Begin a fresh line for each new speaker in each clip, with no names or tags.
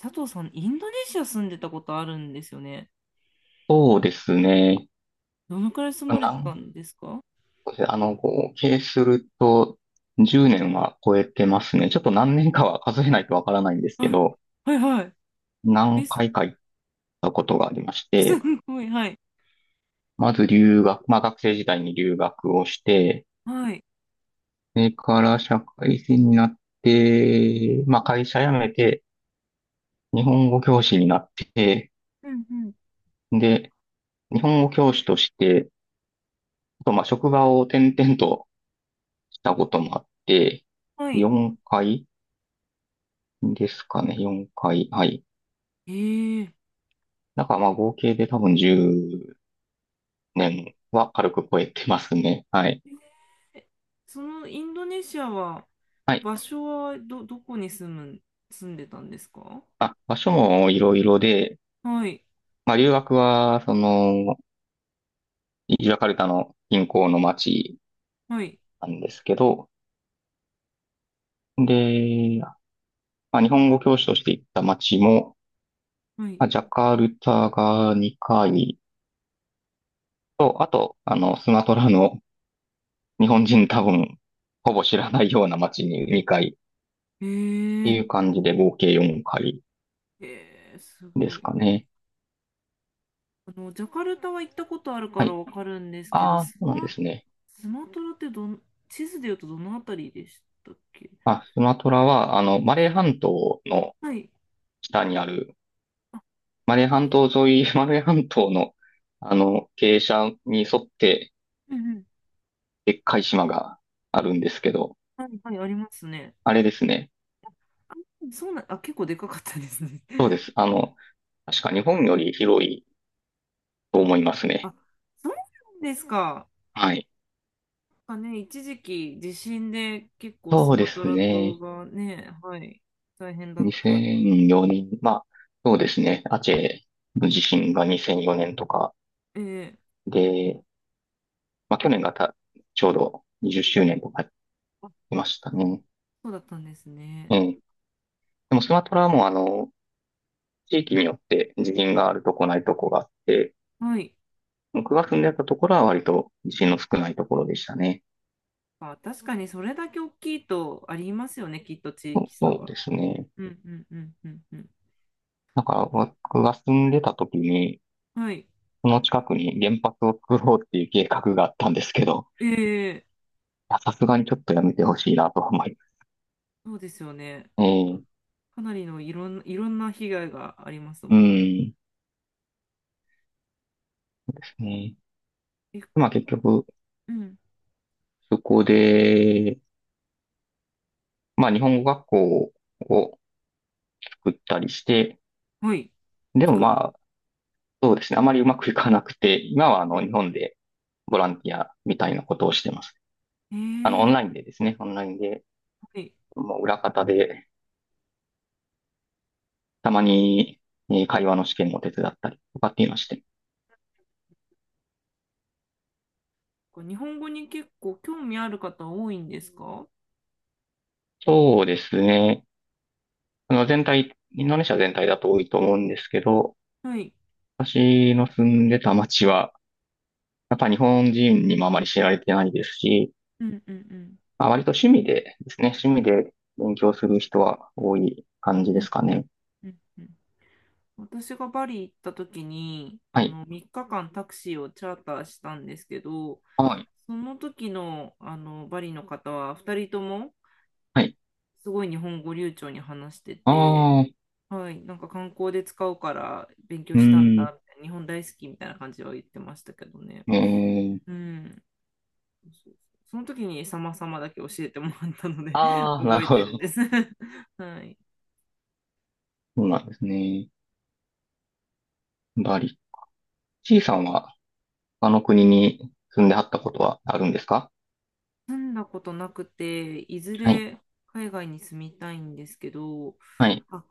佐藤さん、インドネシア住んでたことあるんですよね。
そうですね。
どのくらい住
な
まれてた
ん
んですか？
あの、合計すると10年は超えてますね。ちょっと何年かは数えないとわからないんですけ
はい、
ど、
はい、はい。
何
え、す
回か行ったことがありまし
す
て、
ごい、はい、
まず留学、まあ学生時代に留学をして、
はい。
それから社会人になって、まあ会社辞めて、日本語教師になって、
うんうん。
で、日本語教師として、あとまあ職場を転々としたこともあって、
はい。
4回ですかね、4回。はい。
え
だからまあ合計で多分10年は軽く超えてますね。はい。
ええそのインドネシアは、
はい。
場所はどこに住む、住んでたんですか？
あ、場所もいろいろで、
はい、
まあ留学は、ジャカルタの銀行の町
はい、
なんですけど、で、まあ、日本語教師として行った町も、
はい。
まあ、ジャカルタが2回と、あと、スマトラの日本人多分、ほぼ知らないような町に2回っ
え
て
ー、
いう感じで合計4回
えす
で
ご
す
い。
かね。
あの、ジャカルタは行ったことあるか
は
ら
い。
わかるんですけど、
ああ、そうなんですね。
スマトラって地図で言うとどのあたりでしたっけ？
あ、スマトラは、マレー
え、
半島の
はい。
下にある、
あ、
マレー半島沿い、マレー半島の、傾斜に沿って、
うんうん。
でっかい島があるんですけど、
はいはい、ありますね。
あれですね。
あ、そうな、あ、結構でかかったですね。
そうで す。確か日本より広いと思いますね。
あ、そうなんですか？
はい。
なんかね、一時期地震で結構ス
そうで
マト
す
ラ島
ね。
がね、はい、大変だった。
2004年、まあ、そうですね。アチェの地震が2004年とか
ええ、
で、まあ、去年がた、ちょうど20周年とかやっ
あ、
てましたね。
そうだったんです
え
ね。
え。でもスマトラはもう地域によって地震があるとこないとこがあって、
はい。
僕が住んでたところは割と地震の少ないところでしたね。
まあ、確かにそれだけ大きいとありますよね、きっと地
そう
域差
そう
は。
ですね。
うんうんうんうんうん。
なんか僕が住んでた時に、
はい。
この近くに原発を作ろうっていう計画があったんですけど、
ええ、
いやさすがにちょっとやめてほしいなと思います
そうですよね。
ね。
かなりのいろんな被害があります
う
もんね。
ん。ですね。
え、
まあ結局、
うん。
そこで、まあ日本語学校を作ったりして、
はい。
でも
作っ
まあ、そうですね。あまりうまくいかなくて、今は
て、
日本でボランティアみたいなことをしてます。
え
オンライン
え、
でですね、オンラインで、
はい。
もう裏方で、たまに、会話の試験を手伝ったりとかっていうのして。
日本語に結構興味ある方多いんですか？
そうですね。全体、インドネシア全体だと多いと思うんですけど、
はい。
私の住んでた町は、やっぱ日本人にもあまり知られてないですし、
うんうんうん。
まあ、割と趣味でですね、趣味で勉強する人は多い感じ
う
で
ん
すかね。
うんうん。私がバリ行った時に、
はい。
3日間タクシーをチャーターしたんですけど、
はい。
その時の、バリの方は2人とも
はい。
すごい日本語流暢に話してて、
ああ、
はい、なんか観光で使うから勉強
う
したん
ーん。
だ、みたいな日本大好きみたいな感じは言ってましたけどね。
えー、
うん。そうそうそう、その時に様々だけ教えてもらったので
ああ、なる
覚え
ほ
てるん
ど。
です。 はい。
そうなんですね。バリ、C さんは他の国に住んではったことはあるんですか？
住んだことなくて、いず
はい。
れ海外に住みたいんですけど、
はい。
あ、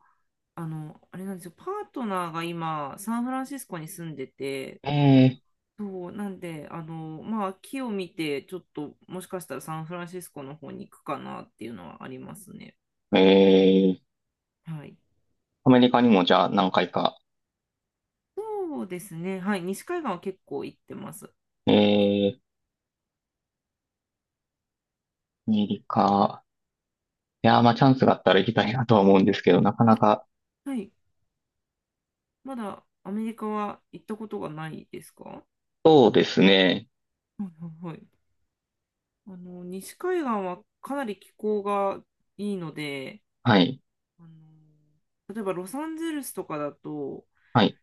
あれなんですよ、パートナーが今、サンフランシスコに住んでて、
え
そう、なんで、まあ、木を見て、ちょっと、もしかしたらサンフランシスコの方に行くかなっていうのはありますね。
ー、えー、
はい。
アメリカにもじゃあ何回か。
そうですね、はい、西海岸は結構行ってます。
えー、アメリカ。いやー、まあチャンスがあったら行きたいなとは思うんですけど、なかな
あ、
か。
はい、まだアメリカは行ったことがないですか？は
そうですね。
いはいはい。西海岸はかなり気候がいいので、
はい。
例えばロサンゼルスとかだと、
はい。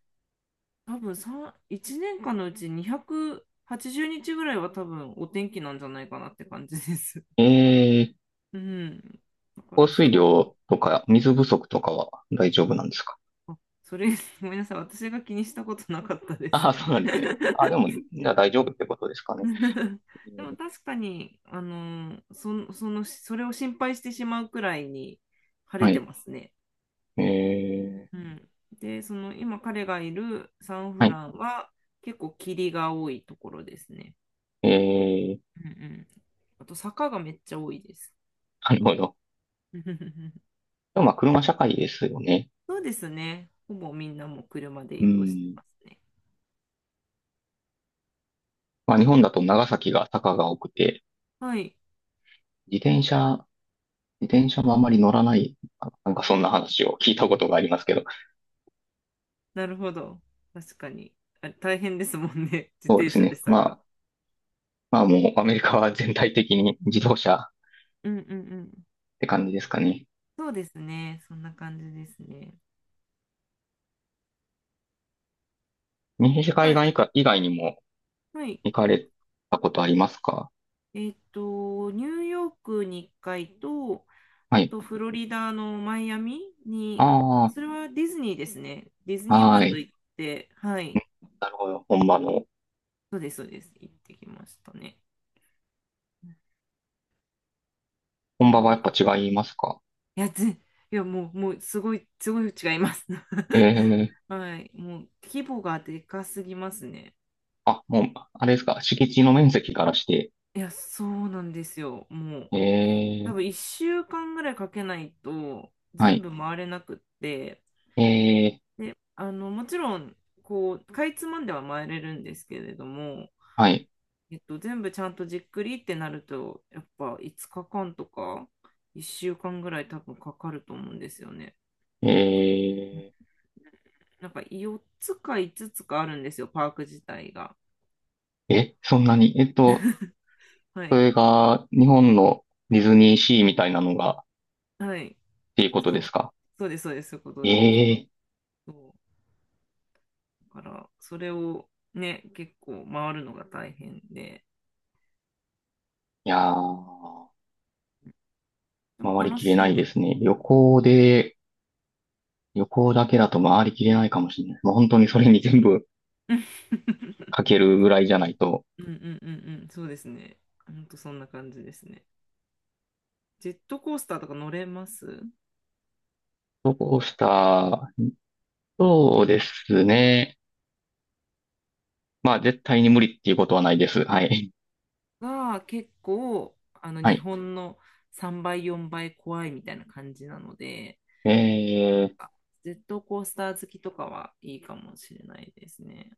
多分3、1年間のうち280日ぐらいは多分お天気なんじゃないかなって感じです。
えー、
うん。だか
降
らす
水
ごい。
量とか水不足とかは大丈夫なんですか？
あ、それ、ごめんなさい。私が気にしたことなかったです
ああ、
ね。
そうなんですね。あ、で も、じゃあ大丈夫ってことですかね。
でも確かに、それを心配してしまうくらいに晴れ
は
て
い。
ますね。
えー、
うん、で、その今彼がいるサン
は
フ
い。
ランは結構霧が多いところですね。
えー、
うんうん。あと坂がめっちゃ多いです。
なるほど。でもまあ車社会ですよね。
そうですね。ほぼみんなもう車で
う
移動して
ん。
ますね。
まあ日本だと長崎が坂が多くて、
はい。
自転車、自転車もあまり乗らない、あ、なんかそんな話を聞いたことがありますけど、
なるほど。確かに。あれ大変ですもんね。自
そう
転
です
車で
ね。まあ、
坂。
もうアメリカは全体的に自動車っ
うんうんうん。
て感じですかね。
そうですね。そんな感じですね。
西
は
海
い。
岸以下以外にも
はい。
行かれたことありますか？
ニューヨークに1回と、
は
あ
い。
とフロリダのマイアミに、
あ
それはディズニーですね。ディズニー
あ、
ワー
は
ルド
い。
行って、はい、
なるほど。
そうです、そうです、行ってきましたね。
本場はや
い
っぱ違いますか？
や、いや、もう、もう、すごい、すごい違います。
ええ。
はい、もう、規模がでかすぎますね。
あ、もう、あれですか。敷地の面積からして、
いや、そうなんですよ。もう、多
え
分
え。
1週間ぐらいかけないと、
は
全
い。
部回れなくって、
ええ、
で、もちろん、こう、かいつまんでは回れるんですけれども、
はい。
全部ちゃんとじっくりってなると、やっぱ5日間とか、1週間ぐらい多分かかると思うんですよね。
え
なんか4つか5つかあるんですよ、パーク自体が。
ー。え、そんなに、
は
そ
い。
れが日本のディズニーシーみたいなのがっ
はい。
ていうこと
そ
で
う。
すか？
そうです、そうです、そういうこ
え
とで。
え、い
そう。だから、それをね、結構回るのが大変で、
やー、
でも
回り
楽
きれ
し
な
い
い
で
で
す。
すね。旅行だけだと回りきれないかもしれない。もう本当にそれに全部か けるぐらいじゃないと。
うんうんうんうん、そうですね。ほんとそんな感じですね。ジェットコースターとか乗れます
そうした、そうですね。まあ、絶対に無理っていうことはないです。はい。
が、結構、
は
日
い。
本の3倍、4倍怖いみたいな感じなので、
え
ジェットコースター好きとかはいいかもしれないですね。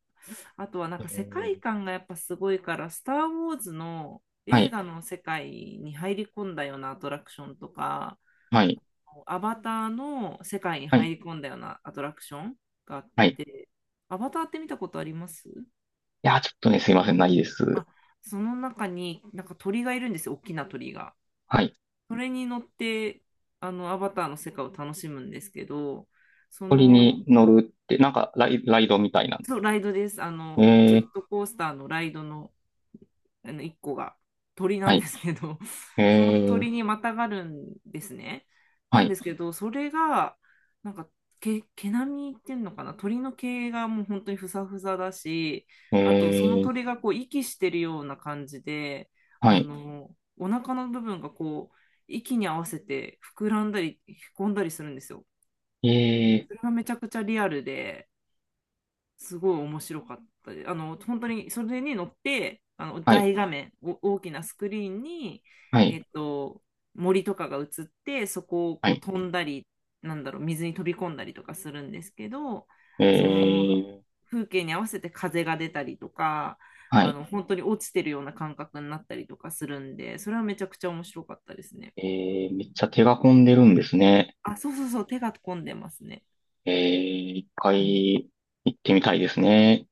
あとはなん
ー。え
か世界
ー、
観がやっぱすごいから、スター・ウォーズの
は
映
い。
画の世界に入り込んだようなアトラクションとか、
はい。
アバターの世界に
はい。
入り込んだようなアトラクションがあっ
はい。
て、アバターって見たことあります？
いやー、ちょっとね、すいません、ないで
あ、
す。
その中になんか鳥がいるんですよ、大きな鳥が。
はい。
それに乗って、アバターの世界を楽しむんですけど、そ
鳥
の、
に乗るって、なんかライドみたいな。
そう、ライドです。
え
ジェッ
ー、
トコースターのライドのあの1個が鳥な
は
んで
い。
すけど その
えー、
鳥にまたがるんですね。な
は
んで
い。
すけどそれがなんか毛並みっていうのかな、鳥の毛がもう本当にふさふさだし、あとその
え
鳥
ー、
がこう息してるような感じで、
はい。
お腹の部分がこう息に合わせて膨らんだりへこんだりするんですよ。
えー、
それがめちゃくちゃリアルで。すごい面白かったです。本当にそれに乗って、
はい。
大画面、大きなスクリーンに、
は
え
い。
っと、森とかが映って、そこを
は
こう
い。
飛んだり、なんだろう、水に飛び込んだりとかするんですけど、
え
その
ー、
風景に合わせて風が出たりとか、
はい。
本当に落ちてるような感覚になったりとかするんで、それはめちゃくちゃ面白かったですね。
えー、めっちゃ手が込んでるんですね。
あ、そうそうそう、手が込んでますね。
えー、一
うん
回行ってみたいですね。